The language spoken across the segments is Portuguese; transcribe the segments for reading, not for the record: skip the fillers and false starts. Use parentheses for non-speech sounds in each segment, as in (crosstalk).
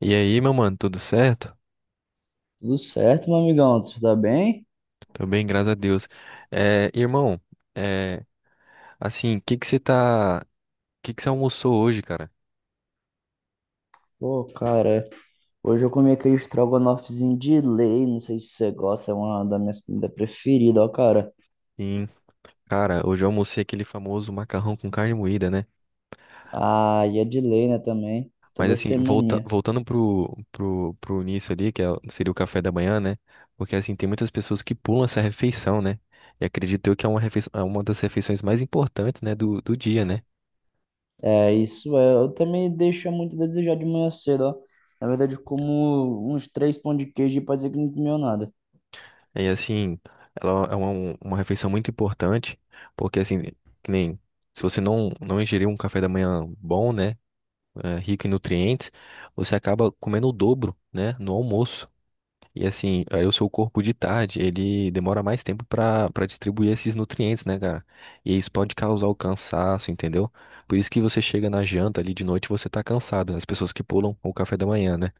E aí, meu mano, tudo certo? Tudo certo, meu amigão? Tudo tá bem? Tô bem, graças a Deus. É, irmão, é, assim, o que que você tá, que você almoçou hoje, cara? Pô, cara, hoje eu comi aquele estrogonofezinho de lei, não sei se você gosta, é uma da minha comida preferida, ó, cara. Sim, cara, hoje eu almocei aquele famoso macarrão com carne moída, né? Ah, e é de lei, né, também, Mas toda assim, semaninha. voltando pro início ali, que seria o café da manhã, né? Porque assim, tem muitas pessoas que pulam essa refeição, né? E acredito eu que é uma das refeições mais importantes, né, do dia, né? É, isso é, eu também deixo muito a desejar de manhã cedo, ó. Na verdade, eu como uns três pão de queijo e pode dizer que não comeu nada. E assim, ela é uma refeição muito importante, porque assim, que nem se você não ingerir um café da manhã bom, né? Rico em nutrientes, você acaba comendo o dobro, né? No almoço. E assim, aí o seu corpo de tarde, ele demora mais tempo para distribuir esses nutrientes, né, cara? E isso pode causar o cansaço, entendeu? Por isso que você chega na janta ali de noite, e você tá cansado, né? As pessoas que pulam o café da manhã, né?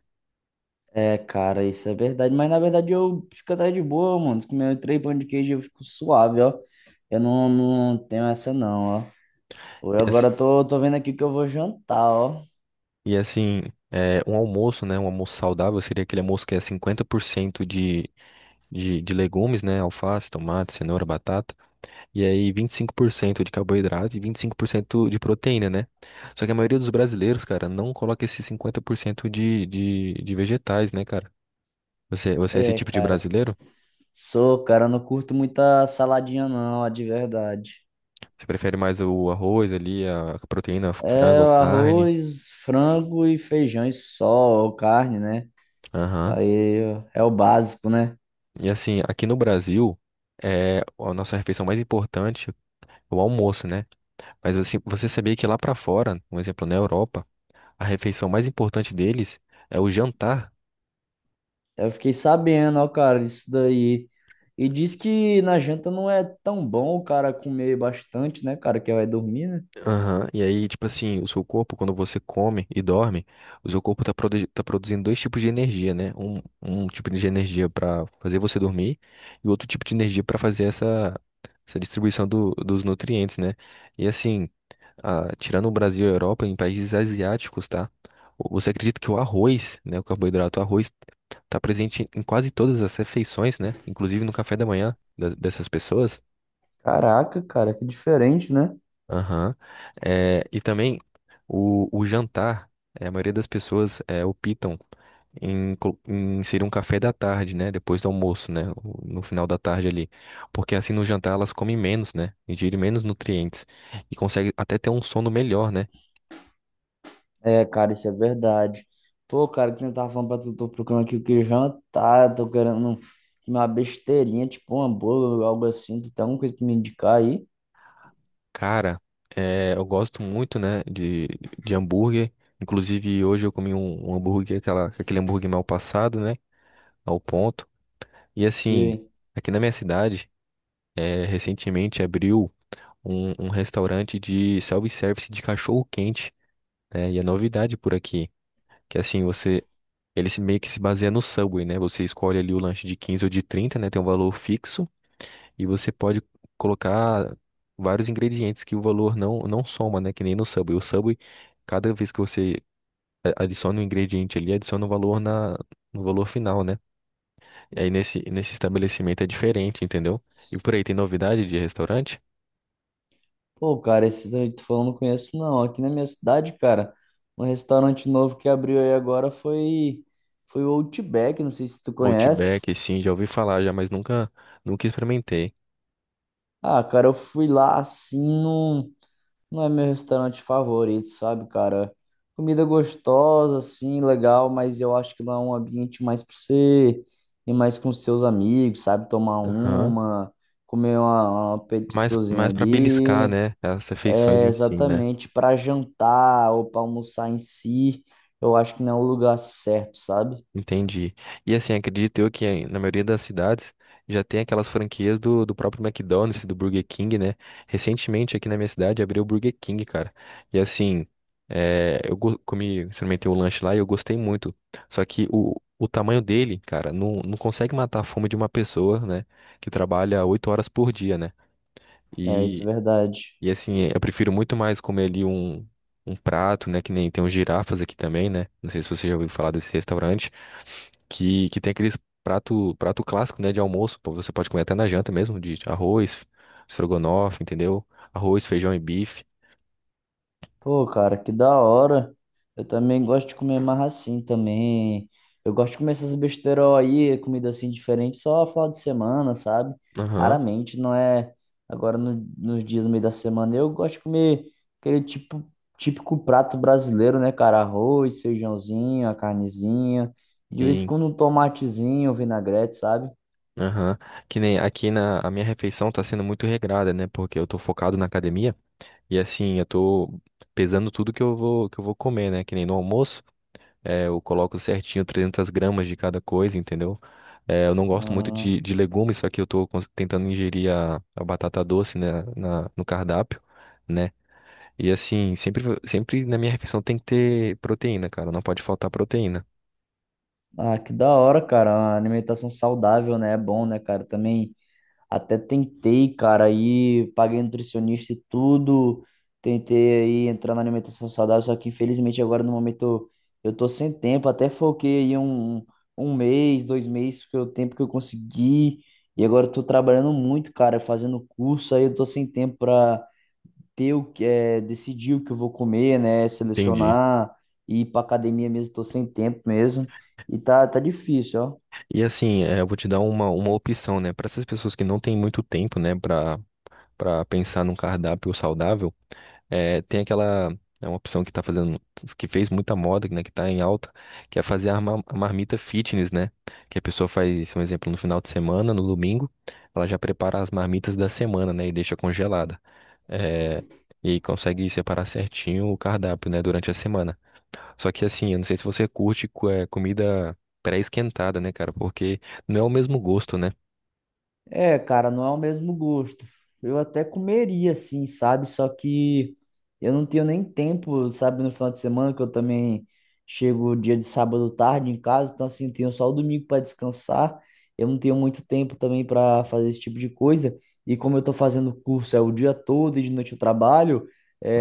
É, cara, isso é verdade, mas na verdade eu fico até de boa, mano, se comer três pão de queijo eu fico suave, ó. Eu não tenho essa não, ó. Pô, eu agora tô vendo aqui o que eu vou jantar, ó. E assim, um almoço, né? Um almoço saudável seria aquele almoço que é 50% de legumes, né? Alface, tomate, cenoura, batata. E aí 25% de carboidrato e 25% de proteína, né? Só que a maioria dos brasileiros, cara, não coloca esses 50% de vegetais, né, cara? Você é esse É, tipo de cara. brasileiro? Sou, cara, não curto muita saladinha, não, ó, de verdade. Você prefere mais o arroz ali, a proteína, frango, É ou o carne? arroz, frango e feijão e só, ou carne, né? Aham. Aí ó, é o básico, né? E assim, aqui no Brasil, a nossa refeição mais importante é o almoço, né? Mas assim, você sabia que lá pra fora, um exemplo, na Europa, a refeição mais importante deles é o jantar. Eu fiquei sabendo, ó, cara, isso daí. E diz que na janta não é tão bom o cara comer bastante, né, cara, que vai dormir, né? Aham. E aí, tipo assim, o seu corpo, quando você come e dorme, o seu corpo tá produzindo dois tipos de energia, né? Um tipo de energia pra fazer você dormir e outro tipo de energia pra fazer essa distribuição dos nutrientes, né? E assim, tirando o Brasil e a Europa, em países asiáticos, tá? Você acredita que o arroz, né, o carboidrato, o arroz, tá presente em quase todas as refeições, né? Inclusive no café da manhã dessas pessoas. Caraca, cara, que diferente, né? Aham. É, e também o jantar, a maioria das pessoas optam em inserir um café da tarde, né? Depois do almoço, né? No final da tarde ali. Porque assim no jantar elas comem menos, né? Ingerem menos nutrientes e conseguem até ter um sono melhor, né? É, cara, isso é verdade. Pô, cara, que eu tava falando pra tu, tô procurando aqui o que jantar, tô querendo uma besteirinha, tipo um hambúrguer, algo assim. Tu tem alguma coisa pra me indicar aí? Cara, eu gosto muito, né, de hambúrguer. Inclusive, hoje eu comi um hambúrguer, aquele hambúrguer mal passado, né, ao ponto. E assim, Se... aqui na minha cidade, recentemente abriu um restaurante de self-service de cachorro-quente, né, e é novidade por aqui. Que assim, você, ele se- meio que se baseia no Subway, né, você escolhe ali o lanche de 15 ou de trinta, né, tem um valor fixo. E você pode colocar vários ingredientes que o valor não soma, né? Que nem no Subway. O Subway, cada vez que você adiciona um ingrediente ali, adiciona um valor no valor final, né? E aí nesse estabelecimento é diferente, entendeu? E por aí, tem novidade de restaurante? Pô, cara, esses aí que tu falou eu não conheço, não. Aqui na minha cidade, cara, um restaurante novo que abriu aí agora foi o Outback, não sei se tu conhece. Outback, sim, já ouvi falar já, mas nunca experimentei. Ah, cara, eu fui lá assim num. Não é meu restaurante favorito, sabe, cara? Comida gostosa, assim, legal, mas eu acho que lá é um ambiente mais pra você ir mais com seus amigos, sabe? Tomar Aham. uma, comer uma, Mas, petiscozinha mas para beliscar, ali. né? As refeições É em si, né? exatamente para jantar ou para almoçar em si. Eu acho que não é o lugar certo, sabe? Entendi. E assim, acredito eu que na maioria das cidades já tem aquelas franquias do próprio McDonald's, do Burger King, né? Recentemente aqui na minha cidade abriu o Burger King, cara. E assim, eu comi, experimentei o lanche lá e eu gostei muito. Só que o tamanho dele, cara, não consegue matar a fome de uma pessoa, né? Que trabalha 8 horas por dia, né? É, isso é verdade. E assim, eu prefiro muito mais comer ali um prato, né? Que nem tem os girafas aqui também, né? Não sei se você já ouviu falar desse restaurante, que tem aqueles prato clássico, né? De almoço. Pô, você pode comer até na janta mesmo, de arroz, estrogonofe, entendeu? Arroz, feijão e bife. Pô, cara, que da hora. Eu também gosto de comer mais assim também. Eu gosto de comer essas besteiras aí, comida assim diferente, só final de semana, sabe? Aham, Raramente, não é agora nos dias no meio da semana. Eu gosto de comer aquele tipo, típico prato brasileiro, né, cara? Arroz, feijãozinho, a carnezinha. De vez em sim. quando um tomatezinho, um vinagrete, sabe? Aham. Que nem aqui na a minha refeição tá sendo muito regrada, né? Porque eu tô focado na academia e assim, eu tô pesando tudo que eu vou comer, né? Que nem no almoço. É, eu coloco certinho 300 gramas de cada coisa, entendeu? Eu não gosto muito Ah, de legumes, só que eu tô tentando ingerir a batata doce, né, no cardápio, né? E assim, sempre na minha refeição tem que ter proteína, cara, não pode faltar proteína. ah, que da hora, cara. Uma alimentação saudável, né? É bom, né, cara? Também. Até tentei, cara, aí paguei nutricionista e tudo, tentei aí entrar na alimentação saudável, só que infelizmente agora no momento eu tô sem tempo, até foquei aí um mês, dois meses, que é o tempo que eu consegui, e agora eu tô trabalhando muito, cara, fazendo curso, aí eu tô sem tempo pra ter o que é, decidir o que eu vou comer, né, Entendi. selecionar, ir pra academia mesmo, tô sem tempo mesmo, e tá difícil, ó. E assim, eu vou te dar uma opção, né, para essas pessoas que não têm muito tempo, né, para pensar num cardápio saudável, tem aquela é uma opção que tá fazendo que fez muita moda, né, que tá em alta, que é fazer a marmita fitness, né? Que a pessoa faz, um exemplo, no final de semana, no domingo, ela já prepara as marmitas da semana, né, e deixa congelada. É, e aí consegue separar certinho o cardápio, né, durante a semana. Só que assim, eu não sei se você curte comida pré-esquentada, né, cara? Porque não é o mesmo gosto, né? É, cara, não é o mesmo gosto. Eu até comeria, assim, sabe? Só que eu não tenho nem tempo, sabe, no final de semana, que eu também chego dia de sábado tarde em casa, então, assim, tenho só o domingo para descansar. Eu não tenho muito tempo também para fazer esse tipo de coisa. E como eu tô fazendo curso é o dia todo e de noite eu trabalho,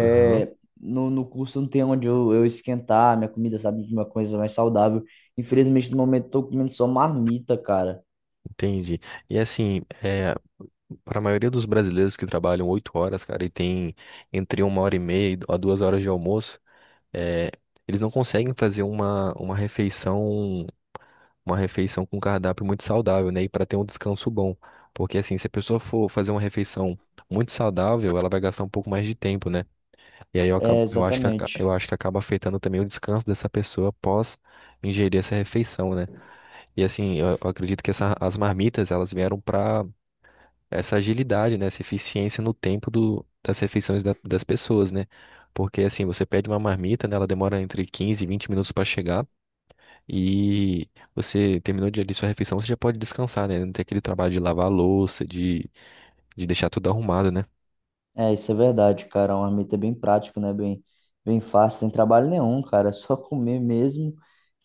Aham. No curso não tem onde eu esquentar minha comida, sabe? Uma coisa mais saudável. Infelizmente, no momento, eu tô comendo só marmita, cara. Entendi. E assim, para a maioria dos brasileiros que trabalham 8 horas, cara, e tem entre uma hora e meia e a 2 horas de almoço, é, eles não conseguem fazer uma refeição com cardápio muito saudável, né? E para ter um descanso bom. Porque assim, se a pessoa for fazer uma refeição muito saudável, ela vai gastar um pouco mais de tempo, né? E aí É, exatamente. eu acho que acaba afetando também o descanso dessa pessoa após ingerir essa refeição, né? E assim, eu acredito que as marmitas, elas vieram para essa agilidade, né? Essa eficiência no tempo das refeições das pessoas, né? Porque assim, você pede uma marmita, né? Ela demora entre 15 e 20 minutos para chegar e você terminou de ali sua refeição, você já pode descansar, né? Não tem aquele trabalho de lavar a louça, de deixar tudo arrumado, né? É, isso é verdade, cara. Um marmita é bem prático, né? Bem fácil, sem trabalho nenhum, cara. (laughs) É só comer mesmo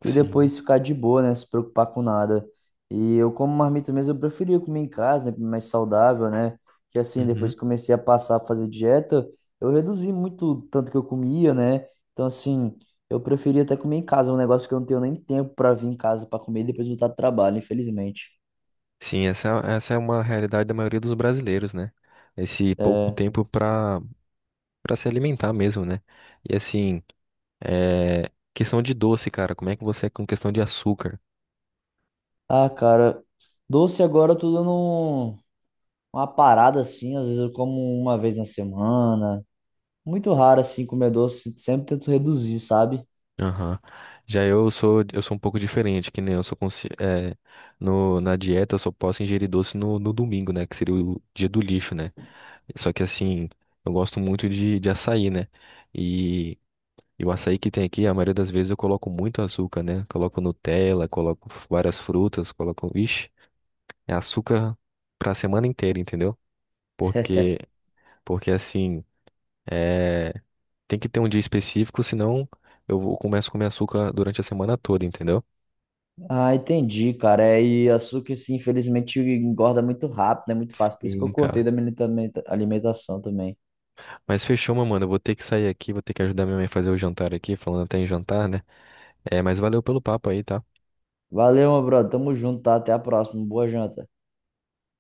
e Sim. depois ficar de boa, né? Se preocupar com nada. E eu, como marmita mesmo, eu preferia comer em casa, né? Mais saudável, né? Que assim, Uhum. depois que comecei a passar a fazer dieta, eu reduzi muito o tanto que eu comia, né? Então, assim, eu preferia até comer em casa. É um negócio que eu não tenho nem tempo para vir em casa para comer e depois voltar do trabalho, infelizmente. Sim, essa é uma realidade da maioria dos brasileiros, né? Esse pouco É. tempo para se alimentar mesmo, né? E assim, questão de doce, cara, como é que você é com questão de açúcar? Ah, cara, doce agora eu tô dando. Uma parada assim, às vezes eu como uma vez na semana. Muito raro assim comer doce, sempre tento reduzir, sabe? Aham. Já eu sou um pouco diferente, que nem eu sou consci... é, no, na dieta eu só posso ingerir doce no domingo, né? Que seria o dia do lixo, né? Só que assim, eu gosto muito de açaí, né? E, e o açaí que tem aqui, a maioria das vezes eu coloco muito açúcar, né? Coloco Nutella, coloco várias frutas, coloco. Ixi, é açúcar pra semana inteira, entendeu? Porque, (laughs) porque assim, é, tem que ter um dia específico, senão começo a comer açúcar durante a semana toda, entendeu? Ah, entendi, cara. É, e açúcar, assim, infelizmente engorda muito rápido, é muito fácil. Por isso que eu Sim, cortei cara. da minha alimentação também. Mas fechou, meu mano. Eu vou ter que sair aqui, vou ter que ajudar minha mãe a fazer o jantar aqui, falando até em jantar, né? É, mas valeu pelo papo aí, tá? Valeu, meu brother. Tamo junto, tá? Até a próxima. Boa janta.